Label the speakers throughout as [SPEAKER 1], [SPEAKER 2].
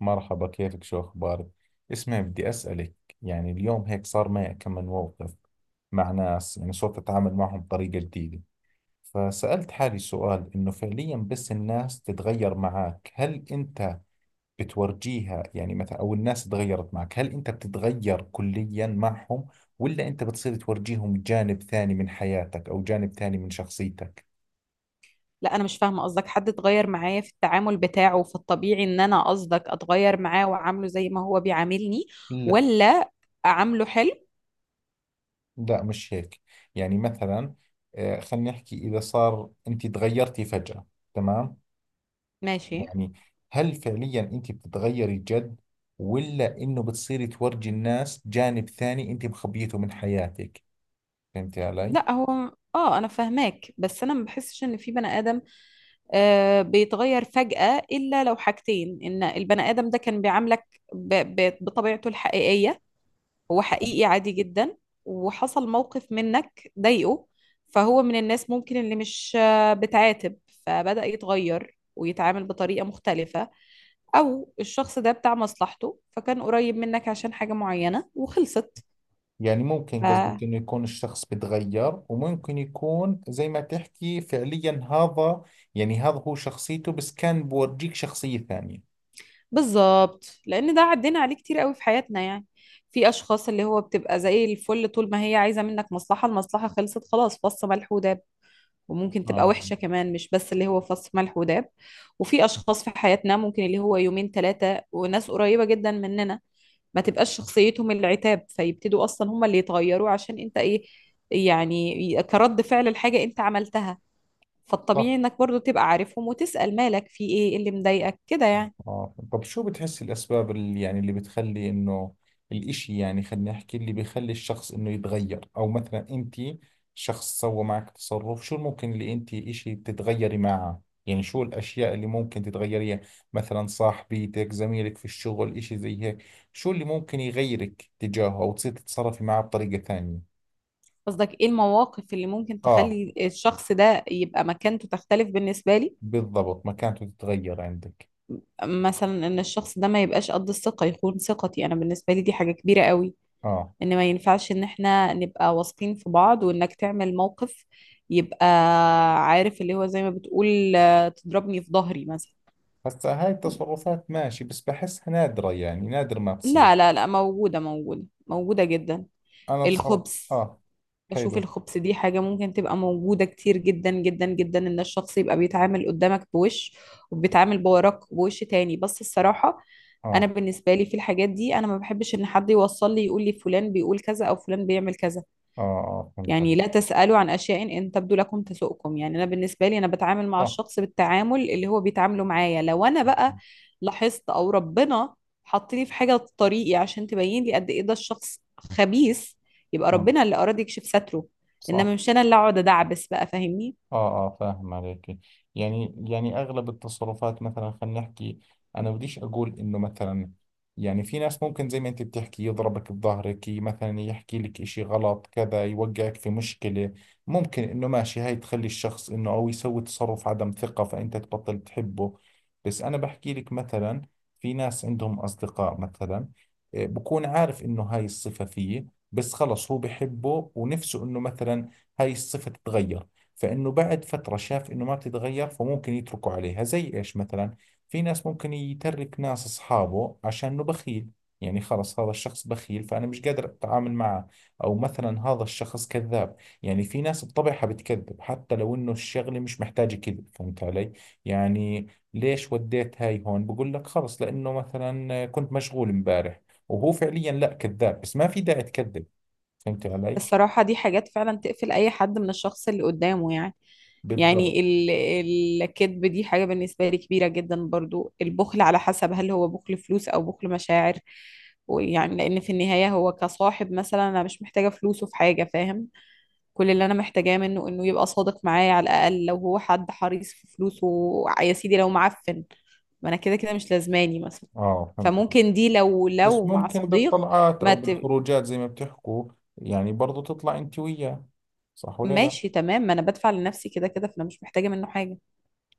[SPEAKER 1] مرحبا، كيفك؟ شو أخبارك؟ اسمعي، بدي أسألك. يعني اليوم هيك صار معي كم من موقف مع ناس. يعني صرت أتعامل معهم بطريقة جديدة، فسألت حالي سؤال إنه فعليا بس الناس تتغير معك هل أنت بتورجيها، يعني مثلا، أو الناس تغيرت معك هل أنت بتتغير كليا معهم ولا أنت بتصير تورجيهم جانب ثاني من حياتك أو جانب ثاني من شخصيتك؟
[SPEAKER 2] لا، انا مش فاهمه قصدك. حد اتغير معايا في التعامل بتاعه، فالطبيعي ان انا قصدك اتغير معاه واعامله زي ما هو بيعاملني، ولا اعامله حلو؟
[SPEAKER 1] لا، مش هيك. يعني مثلا، خلينا نحكي إذا صار أنت تغيرتي فجأة. تمام.
[SPEAKER 2] ماشي.
[SPEAKER 1] يعني هل فعليا أنت بتتغيري جد، ولا إنه بتصيري تورجي الناس جانب ثاني أنت مخبيته من حياتك؟ فهمتي علي؟
[SPEAKER 2] لا، هو انا فاهماك، بس انا ما بحسش ان في بني ادم بيتغير فجأة، الا لو حاجتين: ان البني ادم ده كان بيعاملك بطبيعته الحقيقية، هو حقيقي عادي جدا، وحصل موقف منك ضايقه، فهو من الناس ممكن اللي مش بتعاتب، فبدأ يتغير ويتعامل بطريقة مختلفة. أو الشخص ده بتاع مصلحته، فكان قريب منك عشان حاجة معينة وخلصت.
[SPEAKER 1] يعني ممكن قصدك
[SPEAKER 2] آه،
[SPEAKER 1] إنه يكون الشخص بتغير، وممكن يكون زي ما تحكي فعليا هذا. يعني هذا هو شخصيته، بس كان بورجيك شخصية ثانية.
[SPEAKER 2] بالظبط، لأن ده عدينا عليه كتير قوي في حياتنا يعني. في أشخاص اللي هو بتبقى زي الفل طول ما هي عايزة منك مصلحة، المصلحة خلصت خلاص فص ملح وداب. وممكن تبقى
[SPEAKER 1] آه،
[SPEAKER 2] وحشة كمان، مش بس اللي هو فص ملح وداب. وفي أشخاص في حياتنا ممكن اللي هو يومين ثلاثة، وناس قريبة جدا مننا ما تبقاش شخصيتهم العتاب، فيبتدوا أصلا هم اللي يتغيروا عشان أنت إيه، يعني كرد فعل الحاجة أنت عملتها.
[SPEAKER 1] صح.
[SPEAKER 2] فالطبيعي إنك برضو تبقى عارفهم وتسأل مالك، في إيه، إيه اللي مضايقك كده يعني.
[SPEAKER 1] آه. طب شو بتحس الأسباب اللي يعني اللي بتخلي إنه الإشي، يعني خلينا نحكي اللي بيخلي الشخص إنه يتغير؟ أو مثلا أنت شخص سوى معك تصرف، شو الممكن اللي أنت إشي تتغيري معه؟ يعني شو الأشياء اللي ممكن تتغيريها؟ مثلا صاحبيتك، زميلك في الشغل، إشي زي هيك. شو اللي ممكن يغيرك تجاهه، أو تصير تتصرفي معه بطريقة ثانية؟
[SPEAKER 2] قصدك إيه المواقف اللي ممكن
[SPEAKER 1] آه،
[SPEAKER 2] تخلي الشخص ده يبقى مكانته تختلف بالنسبة لي؟
[SPEAKER 1] بالضبط، مكانته تتغير عندك.
[SPEAKER 2] مثلا إن الشخص ده ما يبقاش قد الثقة، يخون ثقتي. أنا بالنسبة لي دي حاجة كبيرة قوي،
[SPEAKER 1] آه.
[SPEAKER 2] ان ما ينفعش ان احنا نبقى واثقين في بعض وانك تعمل موقف يبقى عارف اللي هو زي ما بتقول، آه، تضربني في ظهري مثلا.
[SPEAKER 1] هسا هاي التصرفات ماشي، بس بحسها نادرة، يعني نادر ما تصير.
[SPEAKER 2] لا موجودة، موجودة جدا.
[SPEAKER 1] انا بصراحة
[SPEAKER 2] الخبث.
[SPEAKER 1] اه.
[SPEAKER 2] بشوف
[SPEAKER 1] حلو.
[SPEAKER 2] الخبث دي حاجة ممكن تبقى موجودة كتير جدا جدا جدا، ان الشخص يبقى بيتعامل قدامك بوش وبيتعامل بوراك بوش تاني. بس الصراحة انا
[SPEAKER 1] اه،
[SPEAKER 2] بالنسبة لي في الحاجات دي انا ما بحبش ان حد يوصل لي يقول لي فلان بيقول كذا او فلان بيعمل كذا.
[SPEAKER 1] اه، اه، فهمت.
[SPEAKER 2] يعني لا تسألوا عن أشياء إن تبدو لكم تسؤكم. يعني أنا بالنسبة لي أنا بتعامل مع
[SPEAKER 1] صح.
[SPEAKER 2] الشخص بالتعامل اللي هو بيتعامله معايا. لو أنا بقى لاحظت، أو ربنا حطني في حاجة في طريقي عشان تبين لي قد إيه ده الشخص خبيث، يبقى
[SPEAKER 1] اه،
[SPEAKER 2] ربنا اللي أراد يكشف ستره. إنما
[SPEAKER 1] صح.
[SPEAKER 2] مش أنا اللي أقعد أدعبس، بقى فاهمني.
[SPEAKER 1] اه، اه، فاهم عليك. يعني اغلب التصرفات، مثلا خلينا نحكي، انا بديش اقول انه مثلا، يعني في ناس ممكن زي ما انت بتحكي يضربك بظهرك، مثلا يحكي لك اشي غلط كذا، يوقعك في مشكلة. ممكن انه ماشي هاي تخلي الشخص انه او يسوي تصرف عدم ثقة فانت تبطل تحبه. بس انا بحكي لك مثلا، في ناس عندهم اصدقاء مثلا، بكون عارف انه هاي الصفة فيه، بس خلص هو بحبه ونفسه انه مثلا هاي الصفة تتغير. فإنه بعد فترة شاف إنه ما بتتغير، فممكن يتركوا عليها. زي إيش مثلا؟ في ناس ممكن يترك ناس أصحابه عشان إنه بخيل، يعني خلص هذا الشخص بخيل فأنا مش قادر أتعامل معه. أو مثلا هذا الشخص كذاب، يعني في ناس بطبعها بتكذب حتى لو إنه الشغلة مش محتاجة كذب. فهمت علي؟ يعني ليش وديت هاي، هون بقول لك خلص لأنه مثلا كنت مشغول امبارح، وهو فعليا لا، كذاب، بس ما في داعي تكذب. فهمت علي؟
[SPEAKER 2] الصراحة دي حاجات فعلا تقفل أي حد من الشخص اللي قدامه يعني.
[SPEAKER 1] بالضبط.
[SPEAKER 2] يعني الكذب دي حاجة بالنسبة لي كبيرة جدا، برضو البخل على حسب هل هو بخل فلوس أو بخل مشاعر. ويعني لأن في النهاية هو كصاحب مثلا، أنا مش محتاجة فلوسه في حاجة فاهم. كل اللي أنا محتاجاه منه إنه يبقى صادق معايا على الأقل. لو هو حد حريص في فلوسه يا سيدي، لو معفن، ما أنا كده كده مش لازماني مثلا.
[SPEAKER 1] اه، فهمت.
[SPEAKER 2] فممكن دي لو
[SPEAKER 1] بس
[SPEAKER 2] لو مع
[SPEAKER 1] ممكن
[SPEAKER 2] صديق.
[SPEAKER 1] بالطلعات
[SPEAKER 2] ما
[SPEAKER 1] أو
[SPEAKER 2] ت...
[SPEAKER 1] بالخروجات، زي ما بتحكوا، يعني برضو تطلع أنت وياه، صح ولا لا؟
[SPEAKER 2] ماشي تمام، ما أنا بدفع لنفسي كده كده، فأنا مش محتاجة منه حاجة.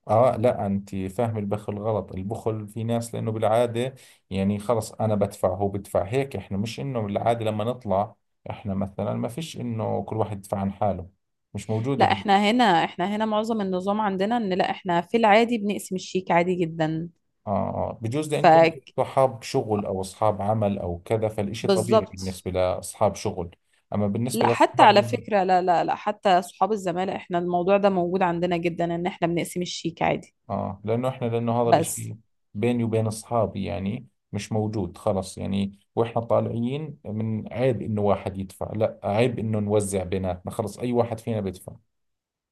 [SPEAKER 1] آه لا، أنت فاهم البخل غلط. البخل في ناس، لأنه بالعادة، يعني خلص أنا بدفع، هو بدفع، هيك. إحنا مش إنه بالعادة لما نطلع، إحنا مثلا، ما فيش إنه كل واحد يدفع عن حاله، مش موجودة
[SPEAKER 2] لا،
[SPEAKER 1] هلا.
[SPEAKER 2] احنا هنا معظم النظام عندنا ان لا، احنا في العادي بنقسم الشيك عادي جدا.
[SPEAKER 1] آه، آه، بجوز لأن
[SPEAKER 2] ف
[SPEAKER 1] كنتوا صحاب شغل أو أصحاب عمل أو كذا، فالإشي طبيعي
[SPEAKER 2] بالظبط.
[SPEAKER 1] بالنسبة لأصحاب شغل. أما بالنسبة
[SPEAKER 2] لا حتى
[SPEAKER 1] لأصحاب،
[SPEAKER 2] على فكرة، لا حتى صحاب الزمالة احنا الموضوع ده موجود عندنا جدا، ان احنا بنقسم الشيك عادي.
[SPEAKER 1] اه لانه احنا، لانه هذا
[SPEAKER 2] بس
[SPEAKER 1] الاشي بيني وبين اصحابي، يعني مش موجود خلص. يعني واحنا طالعين، من عيب انه واحد يدفع، لا عيب انه نوزع بيناتنا، خلص اي واحد فينا بيدفع.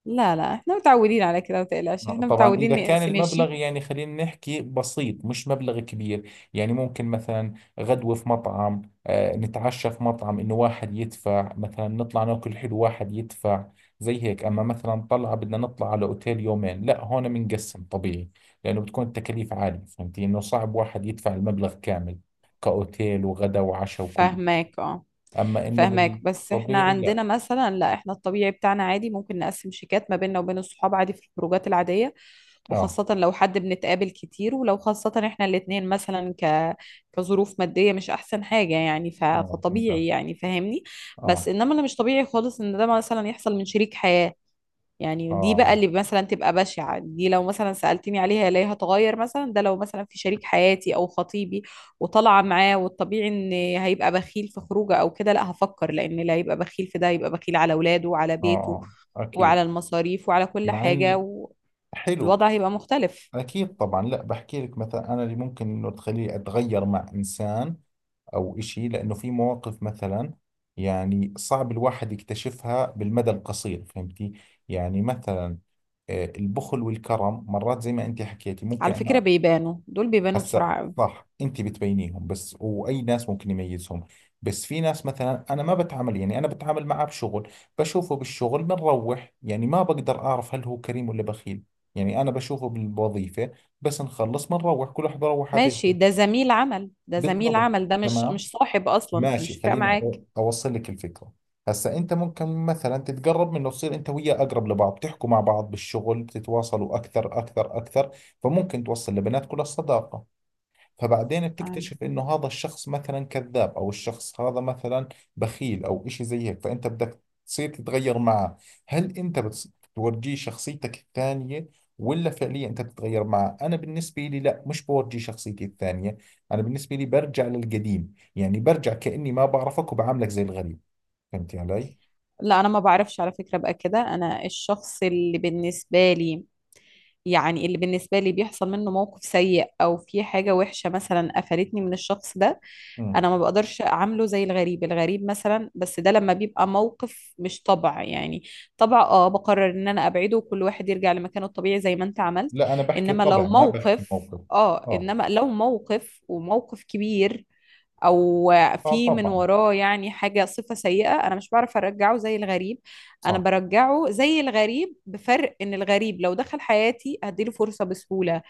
[SPEAKER 2] لا احنا متعودين على كده، متقلقش احنا
[SPEAKER 1] طبعا إذا
[SPEAKER 2] متعودين
[SPEAKER 1] كان
[SPEAKER 2] نقسم
[SPEAKER 1] المبلغ
[SPEAKER 2] الشيك.
[SPEAKER 1] يعني خلينا نحكي بسيط، مش مبلغ كبير، يعني ممكن مثلا غدوة في مطعم، نتعشى في مطعم، إنه واحد يدفع مثلا. نطلع ناكل حلو، واحد يدفع زي هيك. أما مثلا طلعة بدنا نطلع على أوتيل يومين، لا هون بنقسم طبيعي، لأنه بتكون التكاليف عالية. فهمتي إنه صعب واحد يدفع المبلغ كامل، كأوتيل وغدا وعشاء وكل.
[SPEAKER 2] فاهماك اه.
[SPEAKER 1] أما إنه
[SPEAKER 2] فاهماك، بس احنا
[SPEAKER 1] بالطبيعي،
[SPEAKER 2] عندنا
[SPEAKER 1] لا.
[SPEAKER 2] مثلا، لا احنا الطبيعي بتاعنا عادي ممكن نقسم شيكات ما بيننا وبين الصحاب عادي في الخروجات العادية.
[SPEAKER 1] آه،
[SPEAKER 2] وخاصة لو حد بنتقابل كتير، ولو خاصة احنا الاتنين مثلا كظروف مادية مش احسن حاجة يعني،
[SPEAKER 1] آه فهمت.
[SPEAKER 2] فطبيعي
[SPEAKER 1] آه.
[SPEAKER 2] يعني فاهمني.
[SPEAKER 1] آه.
[SPEAKER 2] بس انما اللي مش طبيعي خالص ان ده مثلا يحصل من شريك حياة. يعني دي بقى
[SPEAKER 1] آه.
[SPEAKER 2] اللي مثلا تبقى بشعة. دي لو مثلا سألتني عليها ليه هتغير، مثلا ده لو مثلا في شريك حياتي او خطيبي وطالعة معاه، والطبيعي ان هيبقى بخيل في خروجه او كده، لا هفكر، لان اللي هيبقى بخيل في ده هيبقى بخيل على اولاده وعلى
[SPEAKER 1] آه،
[SPEAKER 2] بيته
[SPEAKER 1] أكيد.
[SPEAKER 2] وعلى المصاريف وعلى كل
[SPEAKER 1] مع
[SPEAKER 2] حاجة،
[SPEAKER 1] اني، حلو.
[SPEAKER 2] والوضع هيبقى مختلف.
[SPEAKER 1] أكيد طبعا. لا بحكي لك مثلا، أنا اللي ممكن إنه تخليني أتغير مع إنسان أو إشي، لأنه في مواقف مثلا يعني صعب الواحد يكتشفها بالمدى القصير. فهمتي؟ يعني مثلا، البخل والكرم، مرات زي ما أنت حكيتي، ممكن
[SPEAKER 2] على فكرة
[SPEAKER 1] أنا،
[SPEAKER 2] بيبانوا دول، بيبانوا
[SPEAKER 1] هسا،
[SPEAKER 2] بسرعة قوي.
[SPEAKER 1] صح انت بتبينيهم، بس واي ناس ممكن يميزهم. بس في ناس مثلا انا ما بتعامل، يعني انا بتعامل معه بشغل، بشوفه بالشغل بنروح، يعني ما بقدر اعرف هل هو كريم ولا بخيل، يعني انا بشوفه بالوظيفة بس، نخلص بنروح كل واحد بروح على بيته.
[SPEAKER 2] ماشي، ده زميل عمل، ده زميل
[SPEAKER 1] بالضبط.
[SPEAKER 2] عمل، ده مش
[SPEAKER 1] تمام.
[SPEAKER 2] مش صاحب اصلا، فمش
[SPEAKER 1] ماشي،
[SPEAKER 2] فارق
[SPEAKER 1] خليني
[SPEAKER 2] معاك.
[SPEAKER 1] اوصل لك الفكرة. هسا انت ممكن مثلا تتقرب منه، تصير انت وياه اقرب لبعض، بتحكوا مع بعض بالشغل، بتتواصلوا اكثر، فممكن توصل لبنات كل الصداقة. فبعدين
[SPEAKER 2] عادي.
[SPEAKER 1] بتكتشف انه هذا الشخص مثلا كذاب، او الشخص هذا مثلا بخيل او اشي زي هيك، فانت بدك تصير تتغير معه. هل انت بتورجيه شخصيتك الثانية، ولا فعليا انت بتتغير معه؟ انا بالنسبة لي لا، مش بورجي شخصيتي الثانية. انا بالنسبة لي برجع للقديم، يعني برجع كأني ما بعرفك، وبعاملك زي الغريب. فهمتي علي؟
[SPEAKER 2] لا انا ما بعرفش على فكرة بقى كده. انا الشخص اللي بالنسبة لي، يعني اللي بالنسبة لي بيحصل منه موقف سيء او في حاجة وحشة مثلا قفلتني من الشخص ده،
[SPEAKER 1] امم.
[SPEAKER 2] انا ما بقدرش اعامله زي الغريب. الغريب مثلا، بس ده لما بيبقى موقف مش طبع يعني. طبع اه بقرر ان انا ابعده وكل واحد يرجع لمكانه الطبيعي زي ما انت عملت.
[SPEAKER 1] لا انا بحكي
[SPEAKER 2] انما لو
[SPEAKER 1] طبع، ما بحكي
[SPEAKER 2] موقف
[SPEAKER 1] موقف.
[SPEAKER 2] اه،
[SPEAKER 1] اه،
[SPEAKER 2] انما لو موقف وموقف كبير، او
[SPEAKER 1] اه
[SPEAKER 2] في من
[SPEAKER 1] طبعا.
[SPEAKER 2] وراه يعني حاجة صفة سيئة، انا مش بعرف ارجعه زي الغريب. انا
[SPEAKER 1] صح.
[SPEAKER 2] برجعه زي الغريب، بفرق ان الغريب لو دخل حياتي هديله فرصة بسهولة،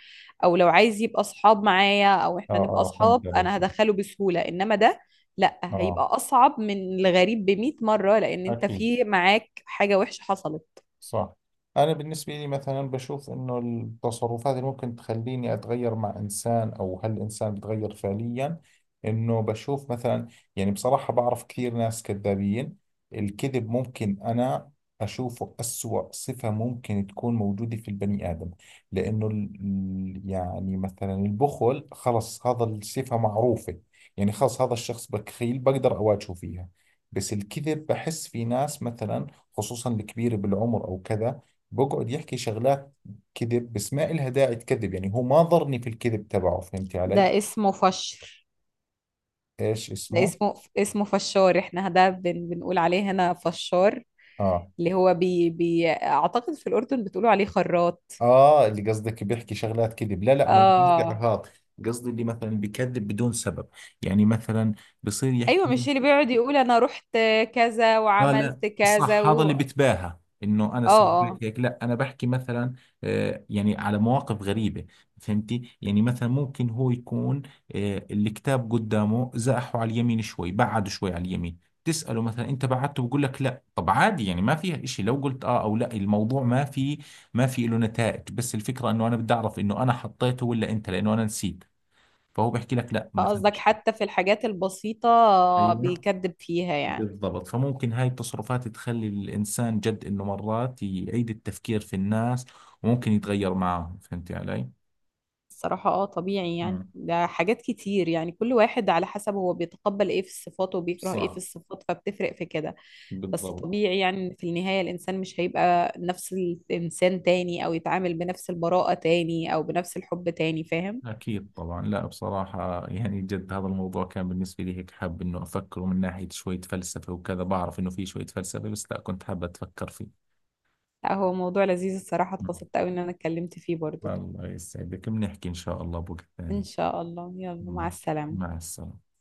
[SPEAKER 2] او لو عايز يبقى اصحاب معايا او
[SPEAKER 1] اه،
[SPEAKER 2] احنا نبقى
[SPEAKER 1] اه
[SPEAKER 2] اصحاب
[SPEAKER 1] فهمت عليك.
[SPEAKER 2] انا هدخله بسهولة. انما ده لا،
[SPEAKER 1] اه،
[SPEAKER 2] هيبقى اصعب من الغريب بمئة مرة، لان انت
[SPEAKER 1] اكيد.
[SPEAKER 2] في معاك حاجة وحشة حصلت.
[SPEAKER 1] صح. أنا بالنسبة لي مثلا بشوف إنه التصرفات اللي ممكن تخليني أتغير مع إنسان، أو هل الإنسان بيتغير فعليا، إنه بشوف مثلا، يعني بصراحة بعرف كثير ناس كذابين. الكذب ممكن أنا أشوفه أسوأ صفة ممكن تكون موجودة في البني آدم. لأنه يعني مثلا البخل خلص هذا الصفة معروفة، يعني خلص هذا الشخص بخيل، بقدر أواجهه فيها. بس الكذب بحس في ناس مثلا، خصوصا الكبير بالعمر او كذا، بقعد يحكي شغلات كذب، بس ما إلها داعي تكذب. يعني هو ما ضرني في الكذب تبعه. فهمتي
[SPEAKER 2] ده
[SPEAKER 1] علي؟
[SPEAKER 2] اسمه فشر.
[SPEAKER 1] ايش
[SPEAKER 2] ده
[SPEAKER 1] اسمه؟
[SPEAKER 2] اسمه فشار، احنا ده بنقول عليه هنا فشار.
[SPEAKER 1] اه.
[SPEAKER 2] اللي هو بي اعتقد في الاردن بتقولوا عليه خراط.
[SPEAKER 1] اه اللي قصدك بيحكي شغلات كذب، لا لا انا مش قصدي
[SPEAKER 2] اه،
[SPEAKER 1] اهات. قصدي اللي مثلا بيكذب بدون سبب، يعني مثلا بصير
[SPEAKER 2] ايوه،
[SPEAKER 1] يحكي،
[SPEAKER 2] مش اللي بيقعد يقول انا رحت كذا
[SPEAKER 1] اه لا
[SPEAKER 2] وعملت كذا
[SPEAKER 1] صح، هذا
[SPEAKER 2] و...
[SPEAKER 1] اللي
[SPEAKER 2] اه.
[SPEAKER 1] بتباهى انه انا سويت لك
[SPEAKER 2] اه،
[SPEAKER 1] هيك. لا انا بحكي مثلا، آه يعني على مواقف غريبه. فهمتي؟ يعني مثلا ممكن هو يكون، آه الكتاب قدامه، زاحه على اليمين شوي، بعده شوي على اليمين، تساله مثلا انت بعدته، بقول لك لا. طب عادي، يعني ما فيها إشي لو قلت اه او لا، الموضوع ما في، ما في له نتائج. بس الفكره انه انا بدي اعرف انه انا حطيته ولا انت، لانه انا نسيت. فهو بحكي لك لا مثلا.
[SPEAKER 2] فقصدك حتى في الحاجات البسيطة
[SPEAKER 1] ايوه،
[SPEAKER 2] بيكذب فيها يعني.
[SPEAKER 1] بالضبط. فممكن هاي التصرفات تخلي الإنسان جد إنه مرات يعيد التفكير في الناس، وممكن يتغير معهم. فهمت علي؟
[SPEAKER 2] الصراحة اه طبيعي يعني،
[SPEAKER 1] مم.
[SPEAKER 2] ده حاجات كتير يعني، كل واحد على حسب هو بيتقبل ايه في الصفات وبيكره ايه في
[SPEAKER 1] صح.
[SPEAKER 2] الصفات، فبتفرق في كده. بس
[SPEAKER 1] بالضبط.
[SPEAKER 2] طبيعي يعني إن في النهاية الإنسان مش هيبقى نفس الإنسان تاني، أو يتعامل بنفس البراءة تاني أو بنفس الحب تاني، فاهم.
[SPEAKER 1] أكيد طبعا. لا بصراحة يعني جد هذا الموضوع كان بالنسبة لي هيك، حاب إنه أفكره من ناحية شوية فلسفة وكذا. بعرف إنه في شوية فلسفة، بس لا كنت حابة أتفكر فيه.
[SPEAKER 2] لا هو موضوع لذيذ الصراحة،
[SPEAKER 1] مم.
[SPEAKER 2] اتبسطت أوي إن أنا اتكلمت فيه برضو.
[SPEAKER 1] الله يسعدك، بنحكي إن شاء الله بوقت ثاني.
[SPEAKER 2] إن شاء الله، يلا مع
[SPEAKER 1] مم.
[SPEAKER 2] السلامة.
[SPEAKER 1] مع السلامة.